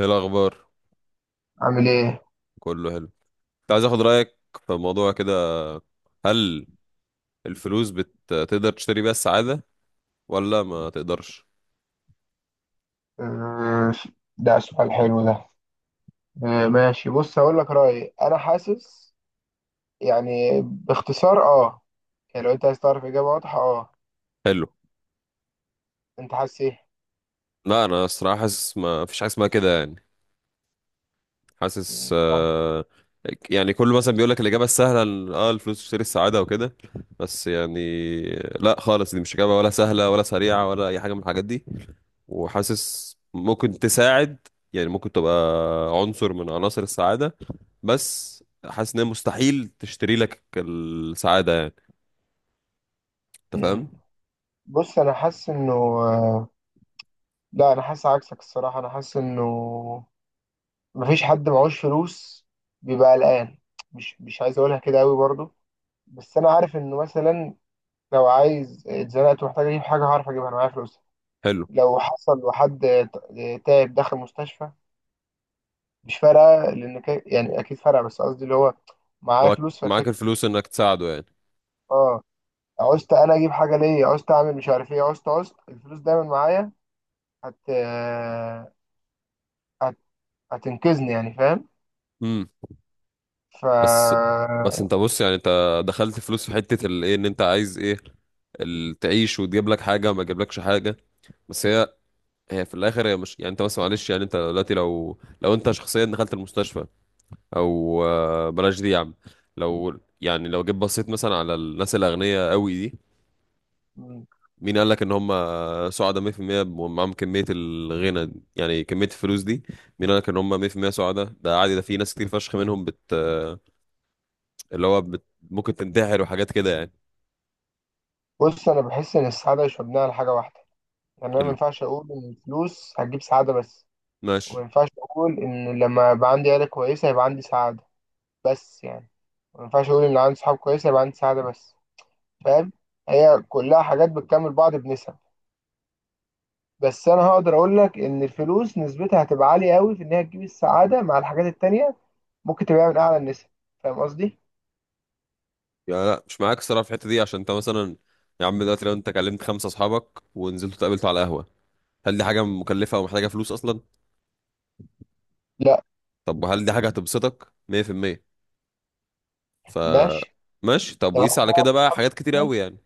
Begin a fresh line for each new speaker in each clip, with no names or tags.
ايه الاخبار.
عامل ايه؟
كله حلو. كنت عايز اخد رايك في موضوع كده. هل الفلوس بتقدر تشتري بيها السعاده ولا ما تقدرش؟
آه، ده سؤال حلو ده. ماشي بص هقول لك رأيي. انا حاسس يعني باختصار يعني لو انت عايز تعرف اجابة واضحة
حلو.
انت حاسس ايه؟
لا، انا الصراحه حاسس ما فيش حاجه اسمها كده يعني. حاسس
مم، صح.
آه، يعني كله مثلا بيقول لك الاجابه السهله إن الفلوس تشتري السعاده وكده، بس يعني لا خالص، دي مش اجابه، ولا سهله، ولا سريعه، ولا اي حاجه من الحاجات دي. وحاسس ممكن تساعد، يعني ممكن تبقى عنصر من عناصر السعادة، بس حاسس ان هي مستحيل تشتري لك السعادة يعني. انت
مم.
فاهم؟
بص انا حاسس انه آه، لا انا حاسس عكسك الصراحة. انا حاسس انه مفيش حد معهوش فلوس بيبقى قلقان. مش عايز اقولها كده قوي برضو. بس انا عارف انه مثلا لو عايز اتزنقت ومحتاج اجيب حاجة هعرف اجيبها. انا معايا فلوس.
حلو.
لو حصل وحد تعب دخل مستشفى مش فارقة لأن يعني أكيد فارقة. بس قصدي اللي هو معايا
لو
فلوس فكده.
معاك الفلوس انك تساعده يعني.
اه، عوزت أنا أجيب حاجة ليا، عوزت أعمل مش عارف إيه، عوزت الفلوس دايما معايا. هت... هت... هتنقذني يعني. فاهم؟
امم
ف
بس، انت بص، يعني انت دخلت فلوس في حتة الايه؟ ان انت عايز ايه؟ تعيش وتجيب لك حاجة، ما تجيبلكش حاجة. بس هي، هي في الاخر، هي مش يعني انت، بس معلش، يعني انت دلوقتي لو انت شخصيا دخلت المستشفى، او بلاش دي يا عم. لو يعني لو جيت بصيت مثلا على الناس الاغنياء قوي دي،
م.
مين قال لك ان هم سعداء 100% ومعاهم كميه الغنى دي؟ يعني كميه الفلوس دي. مين قال لك ان هم 100% سعداء؟ ده عادي، ده في ناس كتير فشخ منهم بت آه، اللي هو ممكن تنتحر وحاجات كده يعني.
بص أنا بحس إن السعادة مش مبنية على حاجة واحدة. يعني أنا ما
حلو،
ينفعش أقول إن الفلوس هتجيب سعادة بس، وما
ماشي.
ينفعش أقول إن لما يبقى عندي عيلة كويسة يبقى عندي سعادة بس. يعني ما ينفعش أقول إن عندي صحاب كويسة يبقى عندي سعادة بس. فاهم؟ هي كلها حاجات بتكمل بعض بنسب. بس انا هقدر اقول لك ان الفلوس نسبتها هتبقى عاليه قوي في ان هي تجيب السعاده مع الحاجات التانيه. ممكن تبقى من اعلى النسب. فاهم قصدي؟
يعني لا مش معاك الصراحه في الحته دي، عشان انت مثلا يا عم دلوقتي لو انت كلمت خمسه اصحابك ونزلتوا اتقابلتوا على قهوه، هل دي حاجه مكلفه ومحتاجه فلوس اصلا؟
لا.
طب وهل دي حاجه هتبسطك 100%؟ ف
ماشي.
ماشي. طب
طب
وقيس
هات
على
بقى
كده بقى حاجات كتير قوي يعني.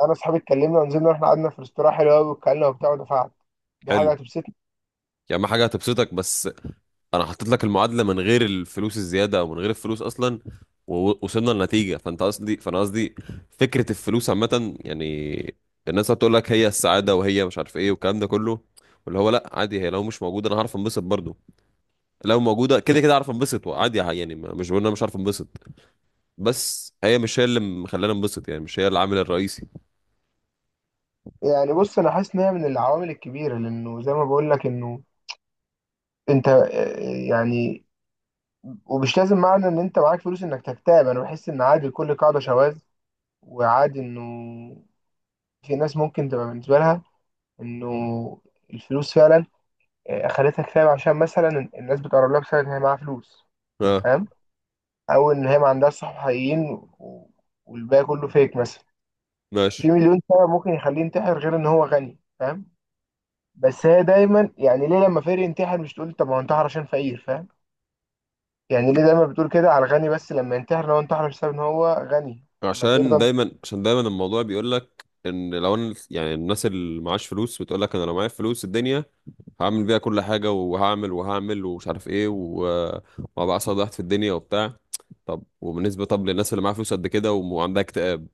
انا اصحابي اتكلمنا ونزلنا واحنا قعدنا في ريستوران حلو قوي واتكلمنا وبتاع ودفعت. دي
حلو.
حاجه هتبسطني.
يعني ما حاجه هتبسطك، بس انا حطيت لك المعادله من غير الفلوس الزياده، او من غير الفلوس اصلا، ووصلنا لنتيجه. فانت قصدي فانا قصدي، فكره الفلوس عامه يعني. الناس هتقول لك هي السعاده، وهي مش عارف ايه، والكلام ده كله، واللي هو لا عادي، هي لو مش موجوده انا هعرف انبسط برضو. لو موجوده كده كده هعرف انبسط، وعادي يعني، مش بقول إن انا مش عارف انبسط، بس هي مش هي اللي مخلاني انبسط يعني، مش هي العامل الرئيسي.
يعني بص انا حاسس ان هي من العوامل الكبيره لانه زي ما بقول لك انه انت يعني، ومش لازم معنى ان انت معاك فلوس انك تكتئب. انا بحس ان عادي لكل قاعده شواذ. وعادي انه في ناس ممكن تبقى بالنسبة لها إنه الفلوس فعلا خلتها كتاب، عشان مثلا الناس بتقرب لها بسبب إن هي معاها فلوس.
اه،
فاهم؟ أو إن هي ما عندهاش صحاب حقيقيين و- والباقي كله فيك مثلا.
ماشي.
في مليون سبب ممكن يخليه ينتحر غير إن هو غني. فاهم؟ بس هي دايما يعني، ليه لما فقير ينتحر مش تقول طب هو انتحر عشان فقير؟ فاهم؟ يعني ليه دايما بتقول كده على الغني بس، لما ينتحر لو انتحر بسبب إن هو غني؟ أما الفقير ده
عشان
انت-
دايما عشان دايما الموضوع بيقول لك ان، لو انا يعني الناس اللي معاش فلوس بتقول لك انا لو معايا فلوس الدنيا هعمل بيها كل حاجه، وهعمل وهعمل ومش عارف ايه، وهبقى اسعد واحد في الدنيا وبتاع. طب وبالنسبه، طب للناس اللي معاها فلوس قد كده وعندها اكتئاب؟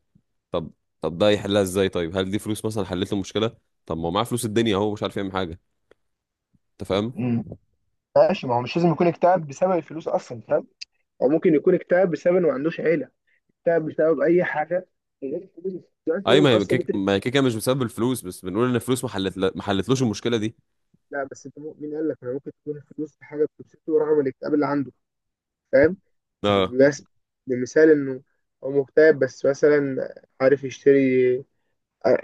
طب، طب ده يحلها ازاي؟ طيب، هل دي فلوس مثلا حلت له مشكله؟ طب ما هو معاه فلوس الدنيا اهو مش عارف يعمل حاجه. انت فاهم؟
مم. ماشي. ما هو مش لازم يكون اكتئاب بسبب الفلوس أصلا. فاهم؟ هو ممكن يكون اكتئاب بسبب إنه ما عندوش عيلة. تعب بسبب اي حاجه غير الفلوس. يعني
اي
مثلا
ما هي
اصلا
ما هي كيكه مش بسبب الفلوس، بس بنقول ان الفلوس ما حلتلوش المشكله دي.
لا بس انت مين قال لك، انا ممكن تكون الفلوس في حاجه بتبسطه ورغم الاكتئاب اللي عنده. فاهم؟ بس بمثال انه هو مكتئب بس مثلا عارف يشتري.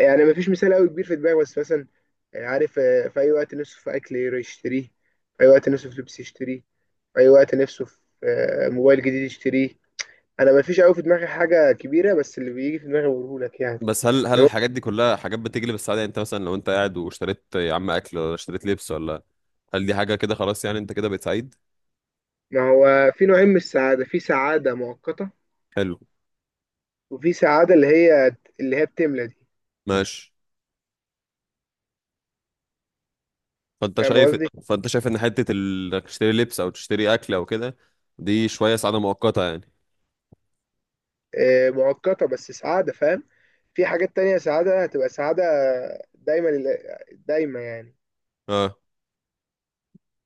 يعني ما فيش مثال قوي كبير في دماغي، بس مثلا عارف في اي وقت نفسه في اكل يشتريه. في اي وقت نفسه في لبس يشتريه. في اي وقت نفسه في موبايل جديد يشتريه. انا ما فيش قوي في دماغي حاجه كبيره، بس اللي بيجي في دماغي بقوله لك. يعني
بس هل
اللي
الحاجات دي كلها حاجات بتجلب السعادة؟ يعني انت مثلا لو انت قاعد واشتريت يا عم اكل، ولا اشتريت لبس، ولا هل دي حاجة كده خلاص يعني انت كده بقيت سعيد؟
ما هو في نوعين من السعادة. في سعادة مؤقتة،
حلو،
وفي سعادة اللي هي بتملى دي.
ماشي. فانت
فاهم
شايف
قصدي؟
فانت شايف ان حتة انك تشتري لبس او تشتري اكل او كده، دي شوية سعادة مؤقتة يعني.
مؤقتة بس سعادة. فاهم؟ في حاجات تانية سعادة هتبقى سعادة دايما. دايما يعني،
اه.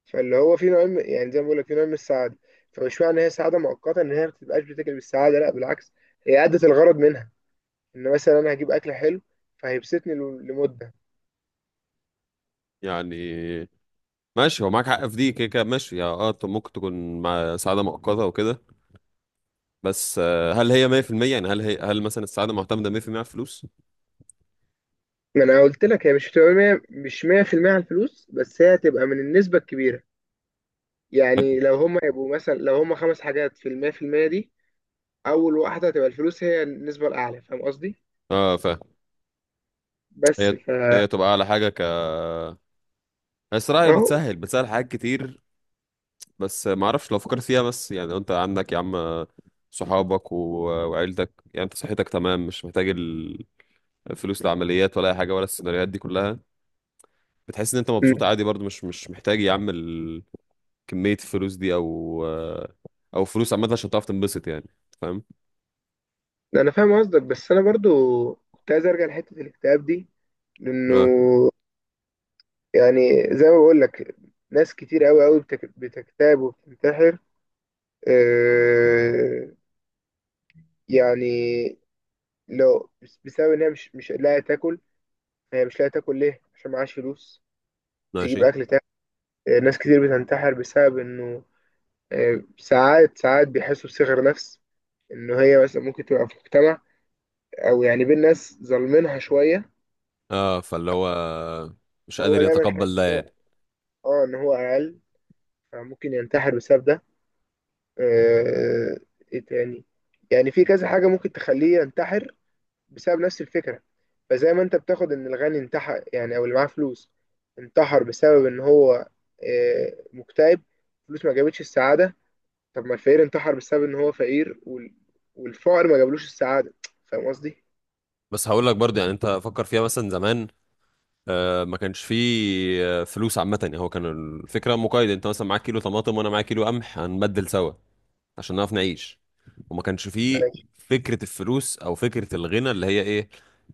فاللي هو في يعني زي ما بقول لك في نوع من السعادة. فمش معنى إن هي سعادة مؤقتة إن هي ما بتبقاش بتاكل بالسعادة. لا بالعكس، هي أدت الغرض منها. إن مثلا أنا هجيب أكل حلو فهيبسطني لمدة.
يعني ماشي، هو معاك حق في دي، كده كده ماشي يا طب. ممكن تكون مع سعادة مؤقتة وكده، بس هل هي 100%؟ يعني هل هي، هل مثلا السعادة معتمدة 100% على الفلوس؟
ما أنا قلت لك هي مش هتبقى مية، مش 100% على الفلوس، بس هي هتبقى من النسبة الكبيرة. يعني لو هما يبقوا مثلا، لو هما خمس حاجات في المية، في المية دي أول واحدة هتبقى الفلوس هي النسبة الأعلى. فاهم قصدي؟
اه، فهي، هي
بس فا
هي تبقى على حاجة. بس رأيي
أهو.
بتسهل حاجات كتير، بس ما اعرفش. لو فكرت فيها بس، يعني لو انت عندك يا عم صحابك و... وعيلتك، يعني انت صحتك تمام مش محتاج الفلوس لعمليات، ولا اي حاجه، ولا السيناريوهات دي كلها، بتحس ان انت
م.
مبسوط عادي برضو. مش محتاج يا عم كميه الفلوس دي، او او فلوس عامه، عشان تعرف تنبسط يعني. فاهم؟
أنا فاهم قصدك، بس أنا برضو كنت عايز أرجع لحتة الاكتئاب دي، لأنه
اه،
يعني زي ما بقول لك، ناس كتير أوي أوي بتكتئب وبتنتحر. أه. يعني لو بسبب إن هي مش لاقية تاكل. هي مش لاقية تاكل ليه؟ عشان معهاش فلوس. تجيب
ماشي.
أكل تاكل. ناس كتير بتنتحر بسبب إنه ساعات ساعات بيحسوا بصغر نفس، ان هي مثلا ممكن تبقى في مجتمع او يعني بين ناس ظالمينها شويه.
اه فاللي هو مش
وهو
قادر
دايما
يتقبل
حاسس
ده
إن هو-
يعني.
اه ان هو اقل، فممكن ينتحر بسبب ده. آه، ايه تاني. يعني في كذا حاجه ممكن تخليه ينتحر بسبب نفس الفكره. فزي ما انت بتاخد ان الغني انتحر يعني، او اللي معاه فلوس انتحر بسبب ان هو مكتئب، فلوس ما جابتش السعاده. طب ما الفقير انتحر بسبب ان هو فقير والفقر ما جابلوش السعادة. فاهم قصدي؟
بس هقول لك برضه يعني، انت فكر فيها مثلا زمان، ما كانش فيه، فلوس عامة يعني. هو كان الفكرة مقايضة، انت مثلا معاك كيلو طماطم وانا معايا كيلو قمح، هنبدل سوا عشان نعرف نعيش، وما كانش فيه
ماشي.
فكرة الفلوس، او فكرة الغنى اللي هي ايه؟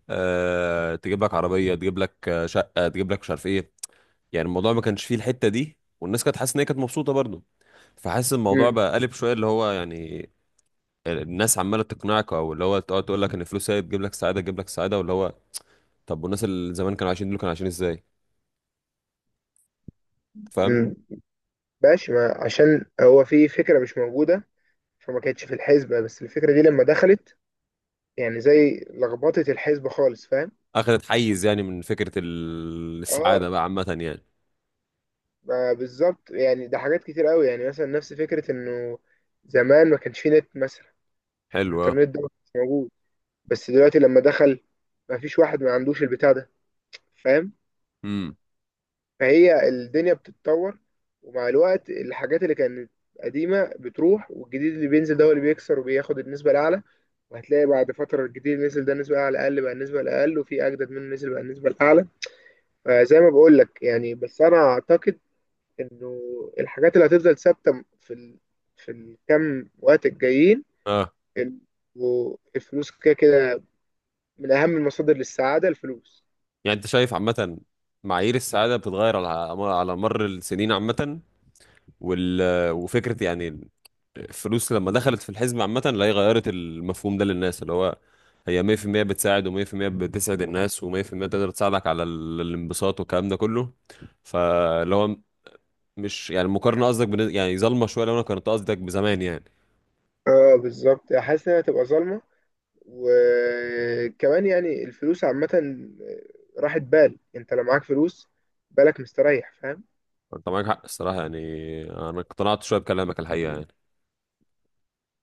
أه تجيب لك عربية، تجيب لك شقة، تجيب لك مش عارف ايه. يعني الموضوع ما كانش فيه الحتة دي، والناس كانت حاسة ان هي كانت مبسوطة برضه. فحاسس الموضوع
مم.
بقى قلب شوية، اللي هو يعني الناس عمالة تقنعك، او اللي هو تقعد تقول لك ان الفلوس هي تجيب لك سعادة، تجيب لك سعادة، واللي هو، طب والناس اللي زمان كانوا عايشين دول كانوا عايشين ازاي؟ فاهم؟
مم. ماشي. ما عشان هو في فكرة مش موجودة فما كانتش في الحسبة. بس الفكرة دي لما دخلت يعني زي لخبطت الحسبة خالص. فاهم؟
اخذت حيز يعني من فكره
اه.
السعاده بقى عامه يعني.
ما بالظبط. يعني ده حاجات كتير قوي. يعني مثلا نفس فكرة انه زمان ما كانش في نت مثلا.
حلو، اه،
الانترنت ده ما كانش موجود، بس دلوقتي لما دخل ما فيش واحد ما عندوش البتاع ده. فاهم؟
امم
فهي الدنيا بتتطور. ومع الوقت الحاجات اللي كانت قديمة بتروح، والجديد اللي بينزل ده هو اللي بيكسر وبياخد النسبة الأعلى. وهتلاقي بعد فترة الجديد اللي نزل ده النسبة الأعلى أقل، بقى النسبة الأقل، وفي أجدد منه نزل بقى النسبة الأعلى. فزي ما بقول لك، يعني بس أنا أعتقد إنه الحاجات اللي هتفضل ثابتة في الكام وقت الجايين.
اه.
ال- والفلوس كده كده من أهم المصادر للسعادة الفلوس.
يعني انت شايف عامه معايير السعاده بتتغير على، على مر السنين عامه، وال... وفكره يعني الفلوس لما دخلت في الحزب عامه، لا هي غيرت المفهوم ده للناس، اللي هو هي 100% بتساعد، و100% بتسعد الناس، و100% تقدر تساعدك على الانبساط والكلام ده كله، فاللي هو مش يعني المقارنه قصدك يعني ظالمه شويه لو انا كنت قصدك بزمان يعني.
اه بالظبط. حاسس إنها هتبقى ظالمة، وكمان يعني الفلوس عامة راحت بال. انت لو معاك فلوس بالك مستريح. فاهم؟
انت معاك حق الصراحه يعني. انا اقتنعت شويه بكلامك، الحقيقه يعني.